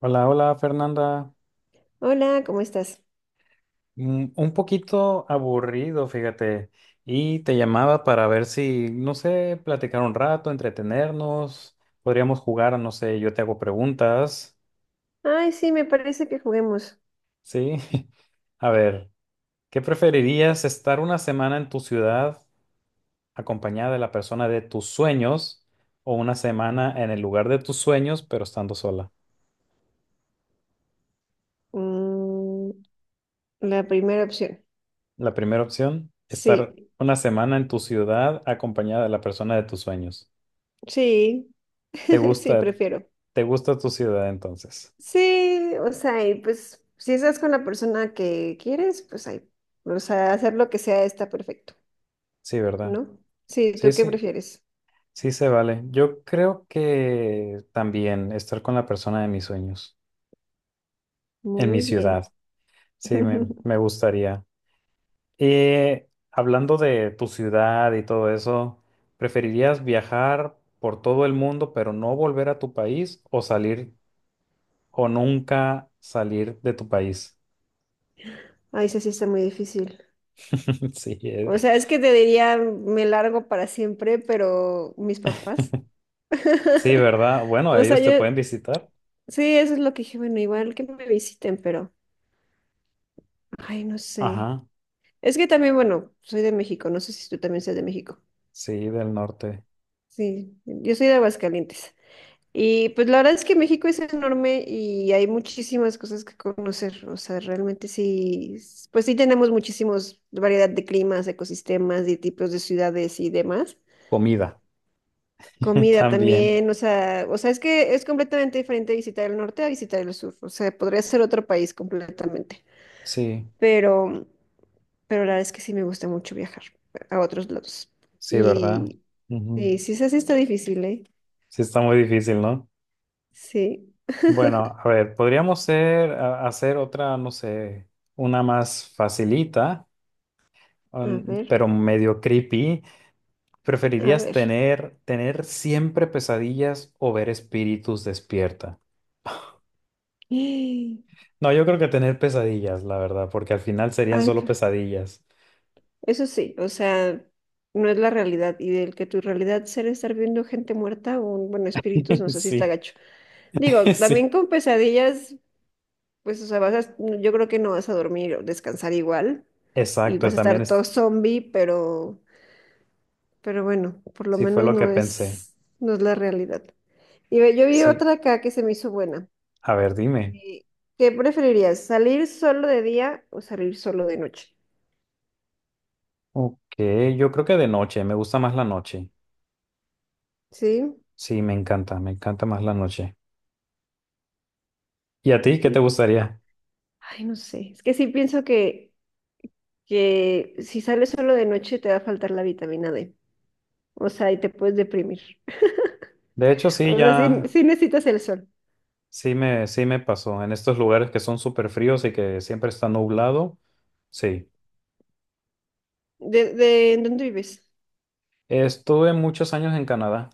Hola, hola Fernanda. Hola, ¿cómo estás? Un poquito aburrido, fíjate. Y te llamaba para ver si, no sé, platicar un rato, entretenernos. Podríamos jugar, no sé, yo te hago preguntas. Ay, sí, me parece que juguemos. Sí. A ver, ¿qué preferirías? ¿Estar una semana en tu ciudad acompañada de la persona de tus sueños o una semana en el lugar de tus sueños pero estando sola? Mm, la primera opción. La primera opción, Sí, estar una semana en tu ciudad acompañada de la persona de tus sueños. sí, ¿Te sí, gusta? prefiero. ¿Te gusta tu ciudad entonces? Sí, o sea, y pues si estás con la persona que quieres, pues ahí, o sea, hacer lo que sea está perfecto, Sí, ¿verdad? ¿no? Sí, Sí, ¿tú qué sí, prefieres? sí se vale. Yo creo que también estar con la persona de mis sueños en mi Muy bien. ciudad. Sí, me gustaría. Y hablando de tu ciudad y todo eso, ¿preferirías viajar por todo el mundo pero no volver a tu país o salir o nunca salir de tu país? Ay, eso sí está muy difícil. Sí, O sea, es que te diría, me largo para siempre, pero mis papás. sí, ¿verdad? Bueno, O sea, ellos te yo. pueden visitar. Sí, eso es lo que dije, bueno, igual que me visiten, pero, ay, no sé. Ajá, Es que también, bueno, soy de México, no sé si tú también seas de México. sí, del norte. Sí, yo soy de Aguascalientes. Y pues la verdad es que México es enorme y hay muchísimas cosas que conocer. O sea, realmente sí, pues sí tenemos muchísimos variedad de climas, ecosistemas y tipos de ciudades y demás. Comida. Comida También, también, o sea, es que es completamente diferente visitar el norte a visitar el sur. O sea, podría ser otro país completamente. sí, Pero pero la verdad es que sí me gusta mucho viajar a otros lados. sí, ¿verdad? Y, Ujú. y sí, sí, sí está difícil, ¿eh? Sí, está muy difícil, ¿no? Sí. Bueno, a ver, podríamos hacer otra, no sé, una más facilita, A ver, pero medio creepy. a ¿Preferirías ver. tener siempre pesadillas o ver espíritus despierta? Ay, No, yo creo que tener pesadillas, la verdad, porque al final serían solo pero- pesadillas. eso sí, o sea, no es la realidad. Y del que tu realidad sea estar viendo gente muerta o, bueno, espíritus, no sé si está Sí, gacho. Digo, también sí, con pesadillas, pues, o sea, yo creo que no vas a dormir o descansar igual. Y exacto, vas a también estar todo zombie. Pero bueno, por lo sí fue menos lo que no pensé. es, no es la realidad. Y ve, yo vi Sí, otra acá que se me hizo buena. a ver, dime. Eh, ¿Qué preferirías? ¿Salir solo de día o salir solo de noche? Ok, yo creo que de noche, me gusta más la noche. Sí, Sí, me encanta más la noche. ¿Y a ti qué sí, te pues, gustaría? ay, no sé. Es que sí pienso que si sales solo de noche te va a faltar la vitamina D. O sea, y te puedes deprimir. De hecho, sí, O sea, sí, ya, sí necesitas el sol. sí me pasó. En estos lugares que son súper fríos y que siempre está nublado, sí. De ¿en dónde vives? Estuve muchos años en Canadá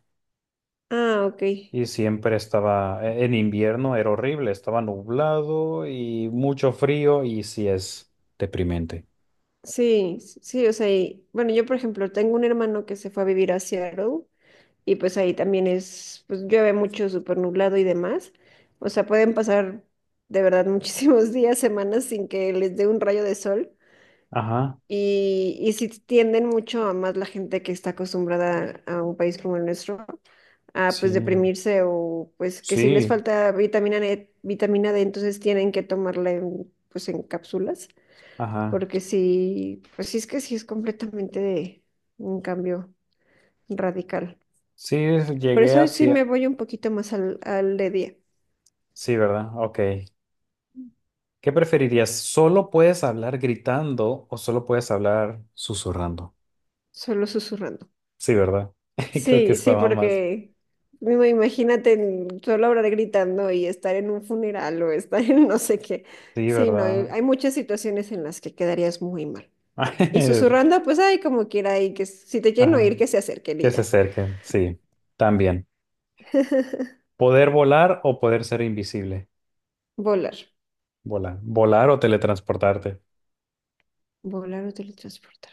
Ah, ok. y siempre estaba, en invierno era horrible, estaba nublado y mucho frío y sí es deprimente. Sí, sí, o sea, bueno, yo por ejemplo tengo un hermano que se fue a vivir a Seattle. Y pues ahí también es, pues llueve mucho, súper nublado y demás. O sea, pueden pasar de verdad muchísimos días, semanas sin que les dé un rayo de sol. Ajá, Y si tienden mucho a más la gente que está acostumbrada a un país como el nuestro, a pues sí, deprimirse o pues que si les sí, falta vitamina D, entonces tienen que tomarla en, pues en cápsulas, ajá. porque si, pues sí es que sí es completamente un cambio radical. Sí, Por llegué eso hoy sí me hacia... voy un poquito más al de día, Sí, ¿verdad? Ok. ¿Qué preferirías? ¿Solo puedes hablar gritando o solo puedes hablar susurrando? solo susurrando. Sí, ¿verdad? Creo que Sí, sí, estaba más. porque mismo imagínate solo hablar gritando y estar en un funeral o estar en no sé qué. Sí, Sí, no, hay ¿verdad? hay muchas situaciones en las que quedarías muy mal. Y susurrando, pues hay como quiera y que si te quieren Ajá. oír, que se acerquen Que y se ya. acerquen. Sí, también. ¿Poder volar o poder ser invisible? Volar, Volar. Volar o teletransportarte. volar o teletransportar.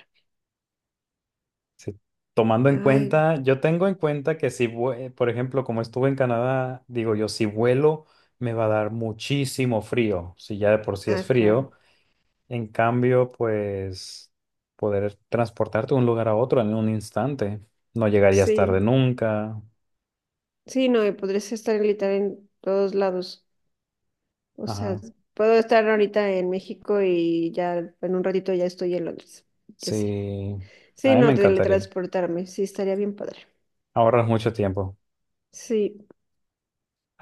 Sí. Tomando en Ay, cuenta, yo tengo en cuenta que si, por ejemplo, como estuve en Canadá, digo yo, si vuelo, me va a dar muchísimo frío. Si ya de por sí es ah, claro. frío. En cambio, pues poder transportarte de un lugar a otro en un instante. No llegarías tarde Sí, nunca. sí, no, y podrías estar gritar en todos lados. O sea, Ajá. puedo estar ahorita en México y ya en un ratito ya estoy en Londres. Ya sí. Sí. A Sí, mí me no, encantaría. teletransportarme. Sí, estaría bien padre. Ahorras mucho tiempo. Sí,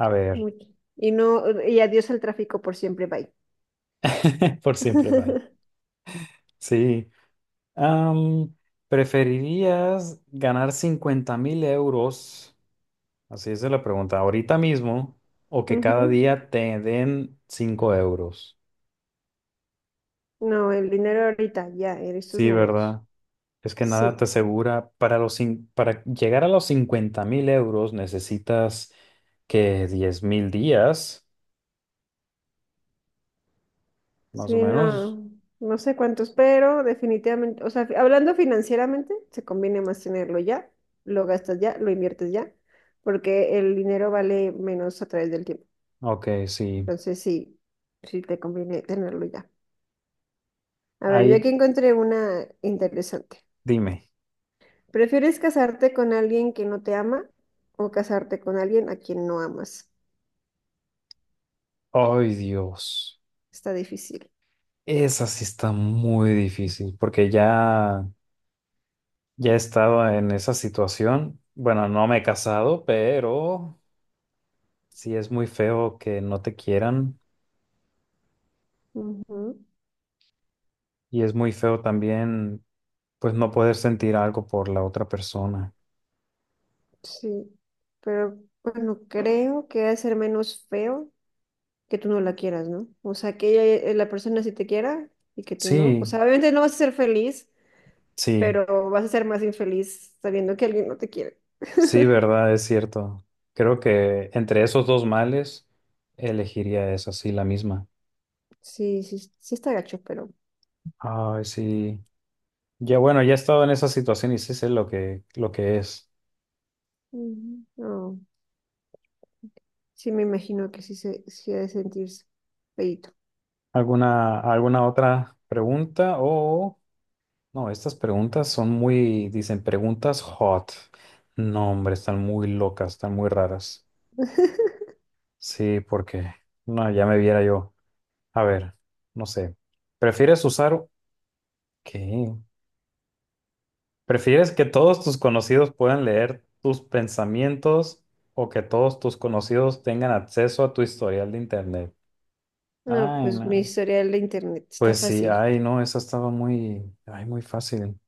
A ver, mucho. Y no, y adiós al tráfico por siempre, bye. por siempre, bye. Sí. Am, ¿preferirías ganar 50,000 euros? Así es la pregunta. ¿Ahorita mismo o que cada Ujú. día te den 5 euros? No, el dinero ahorita, ya, en estos Sí, momentos. ¿verdad? Es que nada te Sí, asegura, para llegar a los 50,000 euros necesitas que 10,000 días, más o sí, menos. no, no sé cuántos, pero definitivamente, o sea, hablando financieramente, se conviene más tenerlo ya, lo gastas ya, lo inviertes ya, porque el dinero vale menos a través del tiempo. Ok, sí. Entonces sí, sí te conviene tenerlo ya. A ver, yo Ahí, aquí encontré una interesante. dime. ¿Prefieres casarte con alguien que no te ama o casarte con alguien a quien no amas? Ay, Dios. Está difícil. Esa sí está muy difícil porque ya, ya he estado en esa situación. Bueno, no me he casado, pero sí es muy feo que no te quieran Ujú. y es muy feo también, pues, no poder sentir algo por la otra persona. Sí, pero bueno, creo que ha de ser menos feo que tú no la quieras, ¿no? O sea, que ella, la persona sí te quiera y que tú no. O Sí. sea, obviamente no vas a ser feliz, Sí, pero vas a ser más infeliz sabiendo que alguien no te quiere. sí, verdad, es cierto. Creo que entre esos dos males elegiría esa, sí, la misma. Sí, sí, sí está gacho, pero. Ay, sí. Ya bueno, ya he estado en esa situación y sí sé lo que es. Ujú. No. Sí, me imagino que sí, se, sí ha de sentirse feíto. ¿Alguna otra pregunta? O no, estas preguntas son muy, dicen preguntas hot. No, hombre, están muy locas, están muy raras. Sí, porque no, ya me viera yo. A ver, no sé. ¿Prefieres usar qué? ¿Prefieres que todos tus conocidos puedan leer tus pensamientos o que todos tus conocidos tengan acceso a tu historial de internet? No, Ay, pues mi no. historial de internet está Pues sí, fácil, ay, no, esa estaba muy, ay, muy fácil.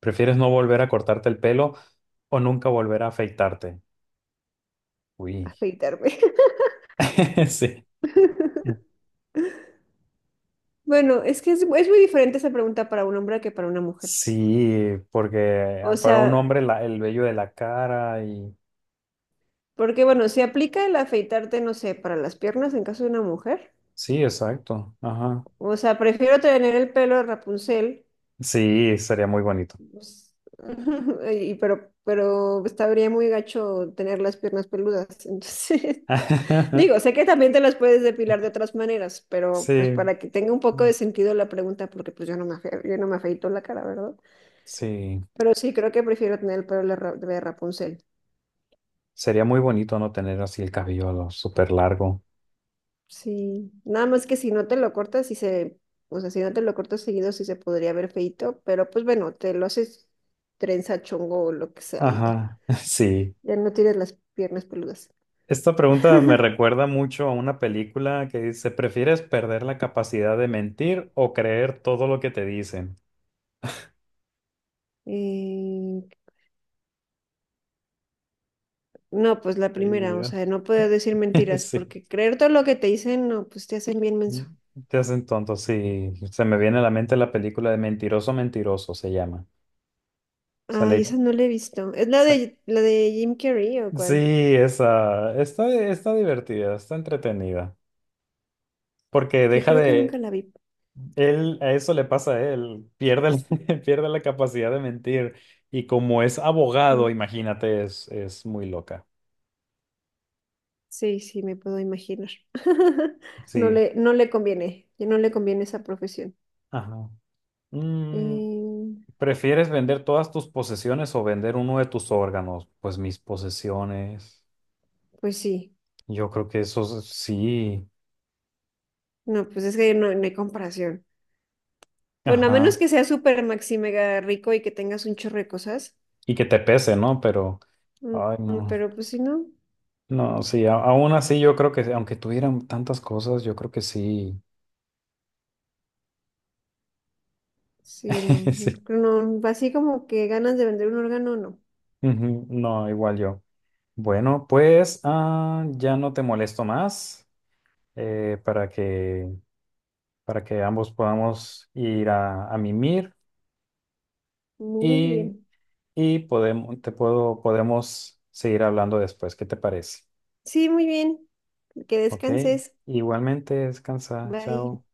¿Prefieres no volver a cortarte el pelo o nunca volver a afeitarte? Uy, afeitarme. sí. Bueno, es que es muy diferente esa pregunta para un hombre que para una mujer. Sí, porque O para un sea, hombre el vello de la cara y... porque bueno, si aplica el afeitarte, no sé, para las piernas en caso de una mujer. Sí, exacto. Ajá. O sea, prefiero tener el pelo de Rapunzel, Sí, sería muy bonito. pues, y, pero estaría muy gacho tener las piernas peludas. Entonces, digo, sé que también te las puedes depilar de otras maneras, pero pues Sí, para que tenga un poco de sentido la pregunta, porque pues yo no me, yo no me afeito la cara, ¿verdad? sí. Pero sí, creo que prefiero tener el pelo de de Rapunzel. Sería muy bonito no tener así el cabello súper largo. Sí, nada más que si no te lo cortas, si se, o sea, si no te lo cortas seguido, sí se podría ver feito, pero pues bueno, te lo haces trenza, chongo o lo que sea y ya. Ajá, sí. Ya no tienes las piernas peludas. Esta pregunta me recuerda mucho a una película que dice, ¿prefieres perder la capacidad de mentir o creer todo lo que te dicen? Eh, no, pues la Ay, primera, o sea, Dios. no puedo decir mentiras, Sí. porque creer todo lo que te dicen, no, pues te hacen bien menso. Te hacen tonto, sí. Se me viene a la mente la película de Mentiroso, Mentiroso, se llama. Ay, Sale, esa no la he visto. ¿Es la sa- de Jim Carrey o sí, cuál? esa. Está divertida, está entretenida. Porque Sí, deja creo que nunca de, la vi. Él, a eso le pasa a él, pierde, pierde la capacidad de mentir y como es Mm, abogado, imagínate, es, muy loca. Sí, sí, me puedo imaginar. No Sí. le, no le conviene, ya no le conviene esa profesión. Ajá. Mm, Eh, ¿prefieres vender todas tus posesiones o vender uno de tus órganos? Pues mis posesiones. pues sí, Yo creo que eso sí. no, pues es que no, no hay comparación. Bueno, a menos Ajá. que sea súper maxi mega rico y que tengas un chorro de cosas. Y que te pese, ¿no? Pero, Mm, ay, no. Pero pues si no, No, sí, aún así yo creo que, aunque tuvieran tantas cosas, yo creo que sí. sí, no creo. No, así como que ganas de vender un órgano, no. Sí. Ujú, no, igual yo. Bueno, pues ya no te molesto más, eh, para que, para que ambos podamos ir a mimir Muy y, bien. y podemos seguir hablando después. ¿Qué te parece? Sí, muy bien. Que Ok, descanses. igualmente descansa. Bye. Chao.